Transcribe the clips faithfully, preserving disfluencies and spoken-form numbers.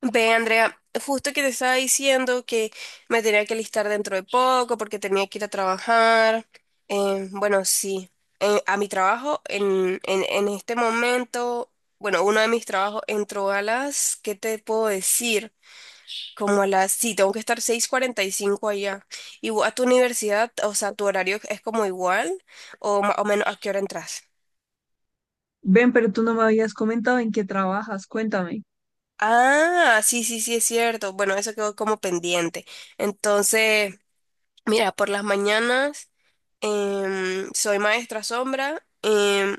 Ve, Andrea, justo que te estaba diciendo que me tenía que listar dentro de poco porque tenía que ir a trabajar. Eh, bueno, sí, eh, a mi trabajo en, en, en este momento, bueno, uno de mis trabajos entró a las, ¿qué te puedo decir? Como a las, sí, tengo que estar seis cuarenta y cinco allá. ¿Y vos a tu universidad, o sea, tu horario es como igual o más o menos a qué hora entras? Ven, pero tú no me habías comentado en qué trabajas, cuéntame. Ah, sí, sí, sí, es cierto. Bueno, eso quedó como pendiente. Entonces... Mira, por las mañanas em, soy maestra sombra. em,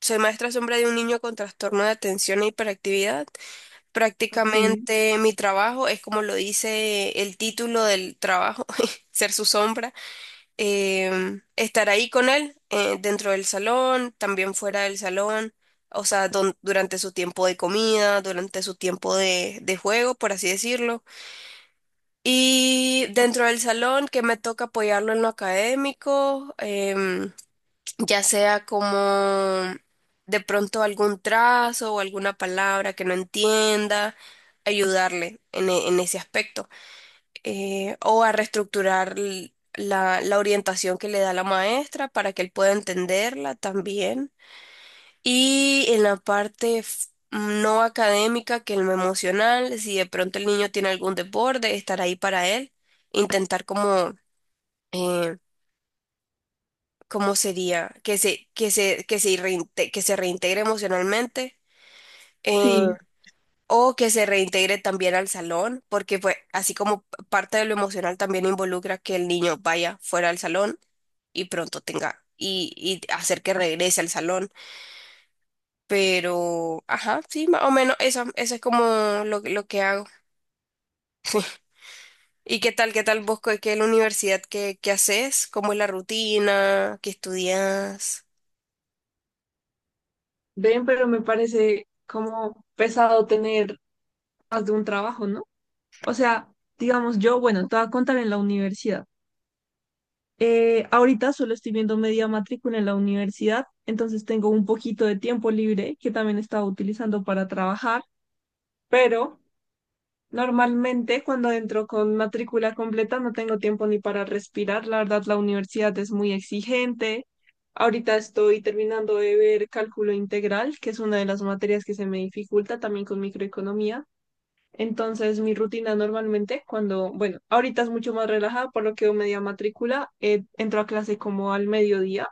Soy maestra sombra de un niño con trastorno de atención e hiperactividad. Ok, Prácticamente mi trabajo es como lo dice el título del trabajo, ser su sombra. Em, estar ahí con él eh, dentro del salón, también fuera del salón. O sea, don- durante su tiempo de comida, durante su tiempo de, de juego, por así decirlo, y dentro del salón, que me toca apoyarlo en lo académico, em, ya sea como de pronto algún trazo o alguna palabra que no entienda, ayudarle en, e- en ese aspecto. Eh, o a reestructurar l- la, la orientación que le da la maestra para que él pueda entenderla también. Y en la parte f- no académica, que es lo emocional, si de pronto el niño tiene algún desborde, estar ahí para él, intentar como, eh, ¿cómo sería? Que se, que se, que se, reinte- que se reintegre emocionalmente, eh, sí, o que se reintegre también al salón, porque pues así como p- parte de lo emocional también involucra que el niño vaya fuera al salón y pronto tenga, y, y hacer que regrese al salón. Pero, ajá, sí, más o menos eso, eso es como lo, lo que hago. ¿Y qué tal, qué tal vos, qué qué es la universidad, qué, qué haces? ¿Cómo es la rutina? ¿Qué estudias? ven, pero me parece como pesado tener más de un trabajo, ¿no? O sea, digamos, yo, bueno, te voy a contar en la universidad. Eh, ahorita solo estoy viendo media matrícula en la universidad, entonces tengo un poquito de tiempo libre que también estaba utilizando para trabajar, pero normalmente cuando entro con matrícula completa no tengo tiempo ni para respirar. La verdad, la universidad es muy exigente. Ahorita estoy terminando de ver cálculo integral, que es una de las materias que se me dificulta también con microeconomía. Entonces, mi rutina normalmente cuando, bueno, ahorita es mucho más relajada, por lo que yo media matrícula, eh, entro a clase como al mediodía,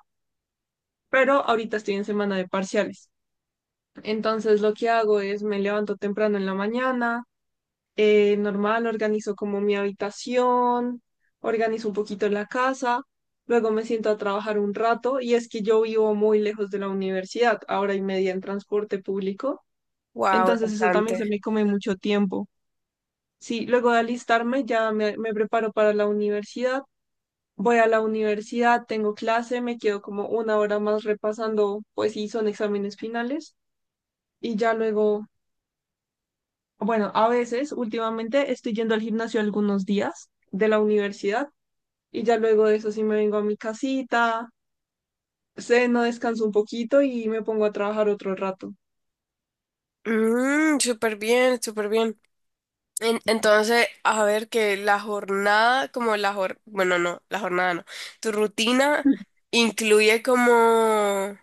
pero ahorita estoy en semana de parciales. Entonces, lo que hago es me levanto temprano en la mañana, eh, normal, organizo como mi habitación, organizo un poquito la casa, luego me siento a trabajar un rato y es que yo vivo muy lejos de la universidad, ahora y media en transporte público, Wow, es entonces eso también se bastante. me come mucho tiempo. Sí, luego de alistarme ya me, me preparo para la universidad, voy a la universidad, tengo clase, me quedo como una hora más repasando, pues sí, son exámenes finales y ya luego, bueno, a veces, últimamente estoy yendo al gimnasio algunos días de la universidad y ya luego de eso sí me vengo a mi casita, ceno, descanso un poquito y me pongo a trabajar otro rato. Mm, súper bien, súper bien. En- entonces, a ver que la jornada, como la jor, bueno, no, la jornada no. Tu rutina incluye como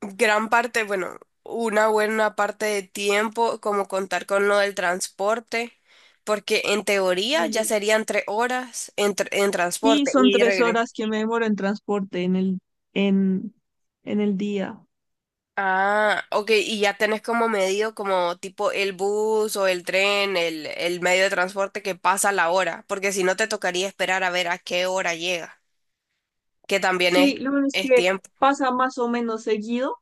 gran parte, bueno, una buena parte de tiempo, como contar con lo del transporte, porque en teoría ya Y, serían tres horas en, tr- en y transporte son y tres regreso. horas que me demoro en transporte en el, en, en el día. Ah, ok, y ya tenés como medido como tipo el bus o el tren, el, el medio de transporte que pasa la hora, porque si no te tocaría esperar a ver a qué hora llega, que también es, Sí, lo bueno es es que tiempo. pasa más o menos seguido,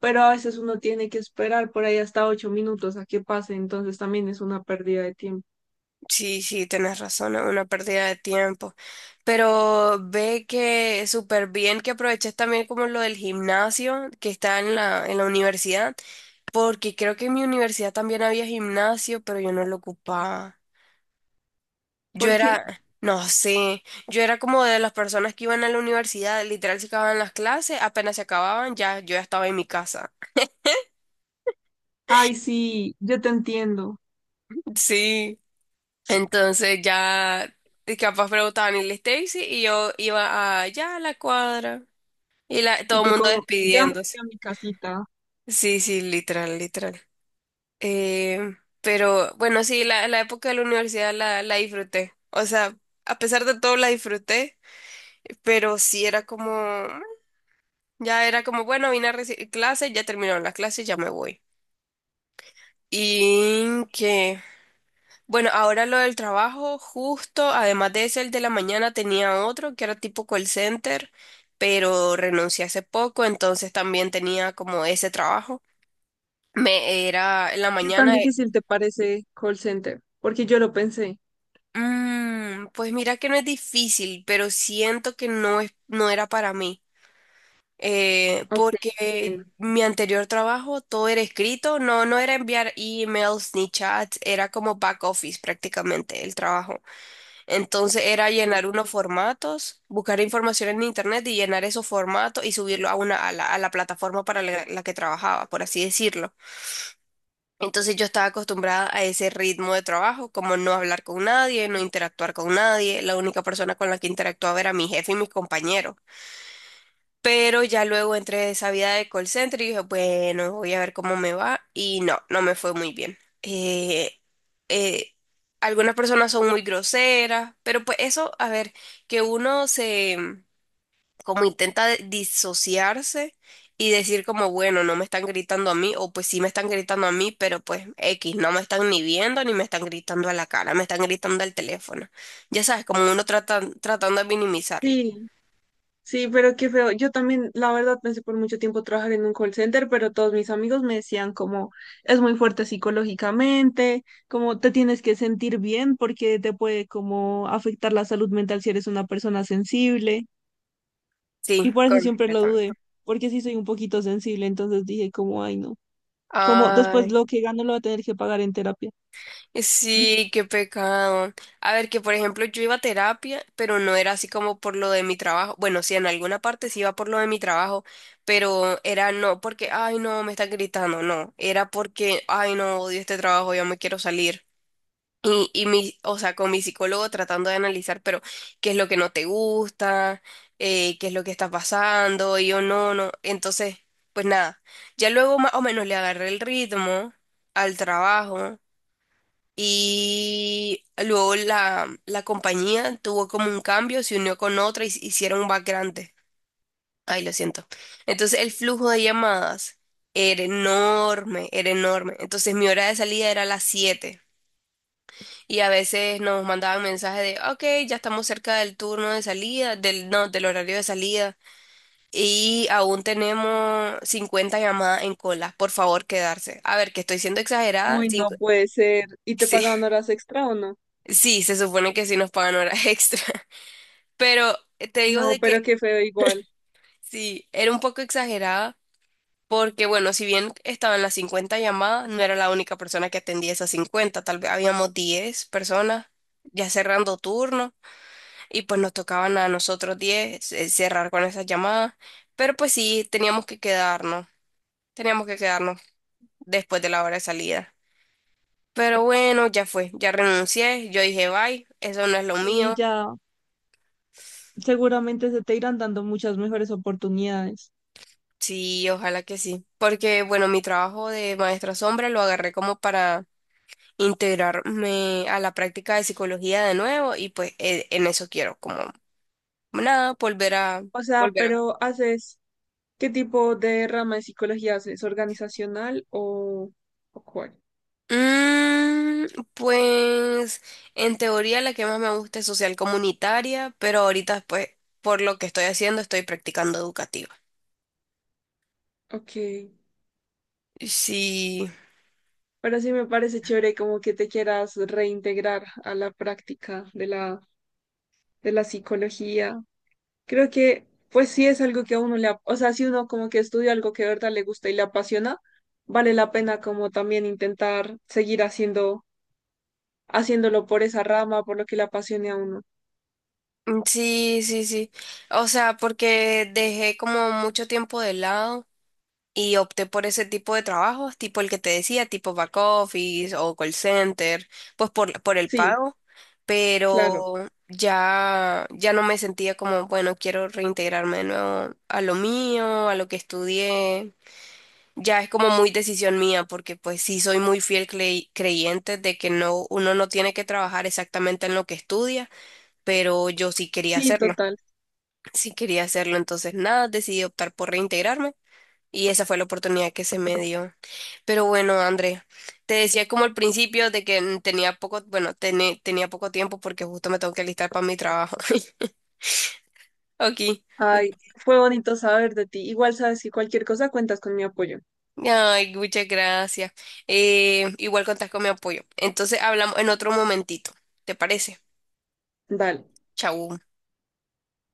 pero a veces uno tiene que esperar por ahí hasta ocho minutos a que pase, entonces también es una pérdida de tiempo. Sí, sí, tienes razón, es una pérdida de tiempo. Pero ve que súper bien que aproveches también como lo del gimnasio que está en la, en la universidad, porque creo que en mi universidad también había gimnasio, pero yo no lo ocupaba. Yo ¿Por qué? era, no sé, yo era como de las personas que iban a la universidad, literal se acababan las clases, apenas se acababan, ya yo ya estaba en mi casa. Ay, sí, yo te entiendo. Sí, entonces ya... Y capaz preguntaban, ¿y la Stacy? Y yo iba a, ya a la cuadra. Y la, todo Y el tú mundo como, ya me despidiéndose. voy a mi casita. Sí, sí, literal, literal. Eh, pero bueno, sí, la, la época de la universidad la, la disfruté. O sea, a pesar de todo la disfruté, pero sí era como, mm, ya era como, bueno, vine a recibir clases, ya terminaron las clases, ya me voy. Y que, bueno, ahora lo del trabajo, justo, además de ese, el de la mañana tenía otro que era tipo call center, pero renuncié hace poco, entonces también tenía como ese trabajo. Me era en la ¿Qué tan mañana. eh, difícil te parece call center? Porque yo lo pensé. "Mm, pues mira que no es difícil, pero siento que no es, no era para mí. Eh, Ok, entiendo. porque mi anterior trabajo todo era escrito, no, no era enviar emails ni chats, era como back office prácticamente el trabajo. Entonces era Sí, llenar unos formatos, buscar información en internet y llenar esos formatos y subirlo a una, a la, a la plataforma para la la que trabajaba, por así decirlo. Entonces yo estaba acostumbrada a ese ritmo de trabajo, como no hablar con nadie, no interactuar con nadie. La única persona con la que interactuaba era mi jefe y mis compañeros. Pero ya luego entré a esa vida de call center y dije, bueno, voy a ver cómo me va. Y no, no me fue muy bien. Eh, eh, Algunas personas son muy groseras, pero pues eso, a ver, que uno se como intenta de- disociarse y decir como, bueno, no me están gritando a mí, o pues sí me están gritando a mí, pero pues X, no me están ni viendo ni me están gritando a la cara, me están gritando al teléfono. Ya sabes, como uno trata, tratando de minimizarlo. sí, sí, pero qué feo. Yo también, la verdad, pensé por mucho tiempo trabajar en un call center, pero todos mis amigos me decían como, es muy fuerte psicológicamente, como te tienes que sentir bien porque te puede como afectar la salud mental si eres una persona sensible. Sí, Y por eso siempre lo dudé, completamente. porque sí soy un poquito sensible, entonces dije como, ay, no. Como después Ay. lo que gano lo voy a tener que pagar en terapia. Sí, qué pecado. A ver, que por ejemplo yo iba a terapia, pero no era así como por lo de mi trabajo. Bueno, sí, en alguna parte sí iba por lo de mi trabajo, pero era no porque, ay, no, me están gritando, no. Era porque, ay, no, odio este trabajo, ya me quiero salir. Y, y mi, o sea, con mi psicólogo tratando de analizar, pero, ¿qué es lo que no te gusta? Eh, ¿qué es lo que está pasando? Y yo, no, no. Entonces, pues nada, ya luego más o menos le agarré el ritmo al trabajo y luego la, la compañía tuvo como un cambio, se unió con otra y s- hicieron un grande. Ay, lo siento. Entonces el flujo de llamadas era enorme, era enorme. Entonces mi hora de salida era a las siete. Y a veces nos mandaban mensajes de, ok, ya estamos cerca del turno de salida, del, no, del horario de salida. Y aún tenemos cincuenta llamadas en cola. Por favor, quedarse. A ver, que estoy siendo exagerada. Uy, no cinco- puede ser. ¿Y te Sí, pagaban horas extra o no? sí, se supone que sí nos pagan horas extra. Pero eh, te digo No, de pero que qué feo igual. sí, era un poco exagerada porque, bueno, si bien estaban las cincuenta llamadas, no era la única persona que atendía esas cincuenta, tal vez habíamos diez personas ya cerrando turno y pues nos tocaban a nosotros diez eh, cerrar con esas llamadas, pero pues sí, teníamos que quedarnos, teníamos que quedarnos después de la hora de salida. Pero bueno, ya fue, ya renuncié, yo dije, bye, eso no es lo Y mío. ya seguramente se te irán dando muchas mejores oportunidades. Sí, ojalá que sí. Porque, bueno, mi trabajo de maestra sombra lo agarré como para integrarme a la práctica de psicología de nuevo y pues e- en eso quiero, como nada, volver a... O sea, Volver a... pero haces, ¿qué tipo de rama de psicología haces? ¿Organizacional o, o cuál? Mm, pues en teoría la que más me gusta es social comunitaria, pero ahorita pues por lo que estoy haciendo estoy practicando educativa. Ok. Sí, Pero sí me parece chévere como que te quieras reintegrar a la práctica de la, de la psicología. Creo que, pues sí es algo que a uno le, ap- o sea, si uno como que estudia algo que de verdad le gusta y le apasiona, vale la pena como también intentar seguir haciendo, haciéndolo por esa rama, por lo que le apasione a uno. mm, sí, sí, sí. O sea, porque dejé como mucho tiempo de lado. Y opté por ese tipo de trabajos, tipo el que te decía, tipo back office o call center, pues por, por el Sí, pago, claro. pero ya, ya no me sentía como, bueno, quiero reintegrarme de nuevo a lo mío, a lo que estudié. Ya es como muy decisión mía, porque pues sí soy muy fiel crey- creyente de que no, uno no tiene que trabajar exactamente en lo que estudia, pero yo sí quería Sí, hacerlo, total. sí quería hacerlo, entonces nada, decidí optar por reintegrarme. Y esa fue la oportunidad que se me dio. Pero bueno, André, te decía como al principio de que mm, tenía poco, bueno, tené- tenía poco tiempo porque justo me tengo que alistar para mi trabajo. Aquí. Ay, fue bonito saber de ti. Igual sabes si cualquier cosa cuentas con mi apoyo. Ay, muchas gracias. Eh, igual contás con mi apoyo. Entonces hablamos en otro momentito. ¿Te parece? Dale. Chau.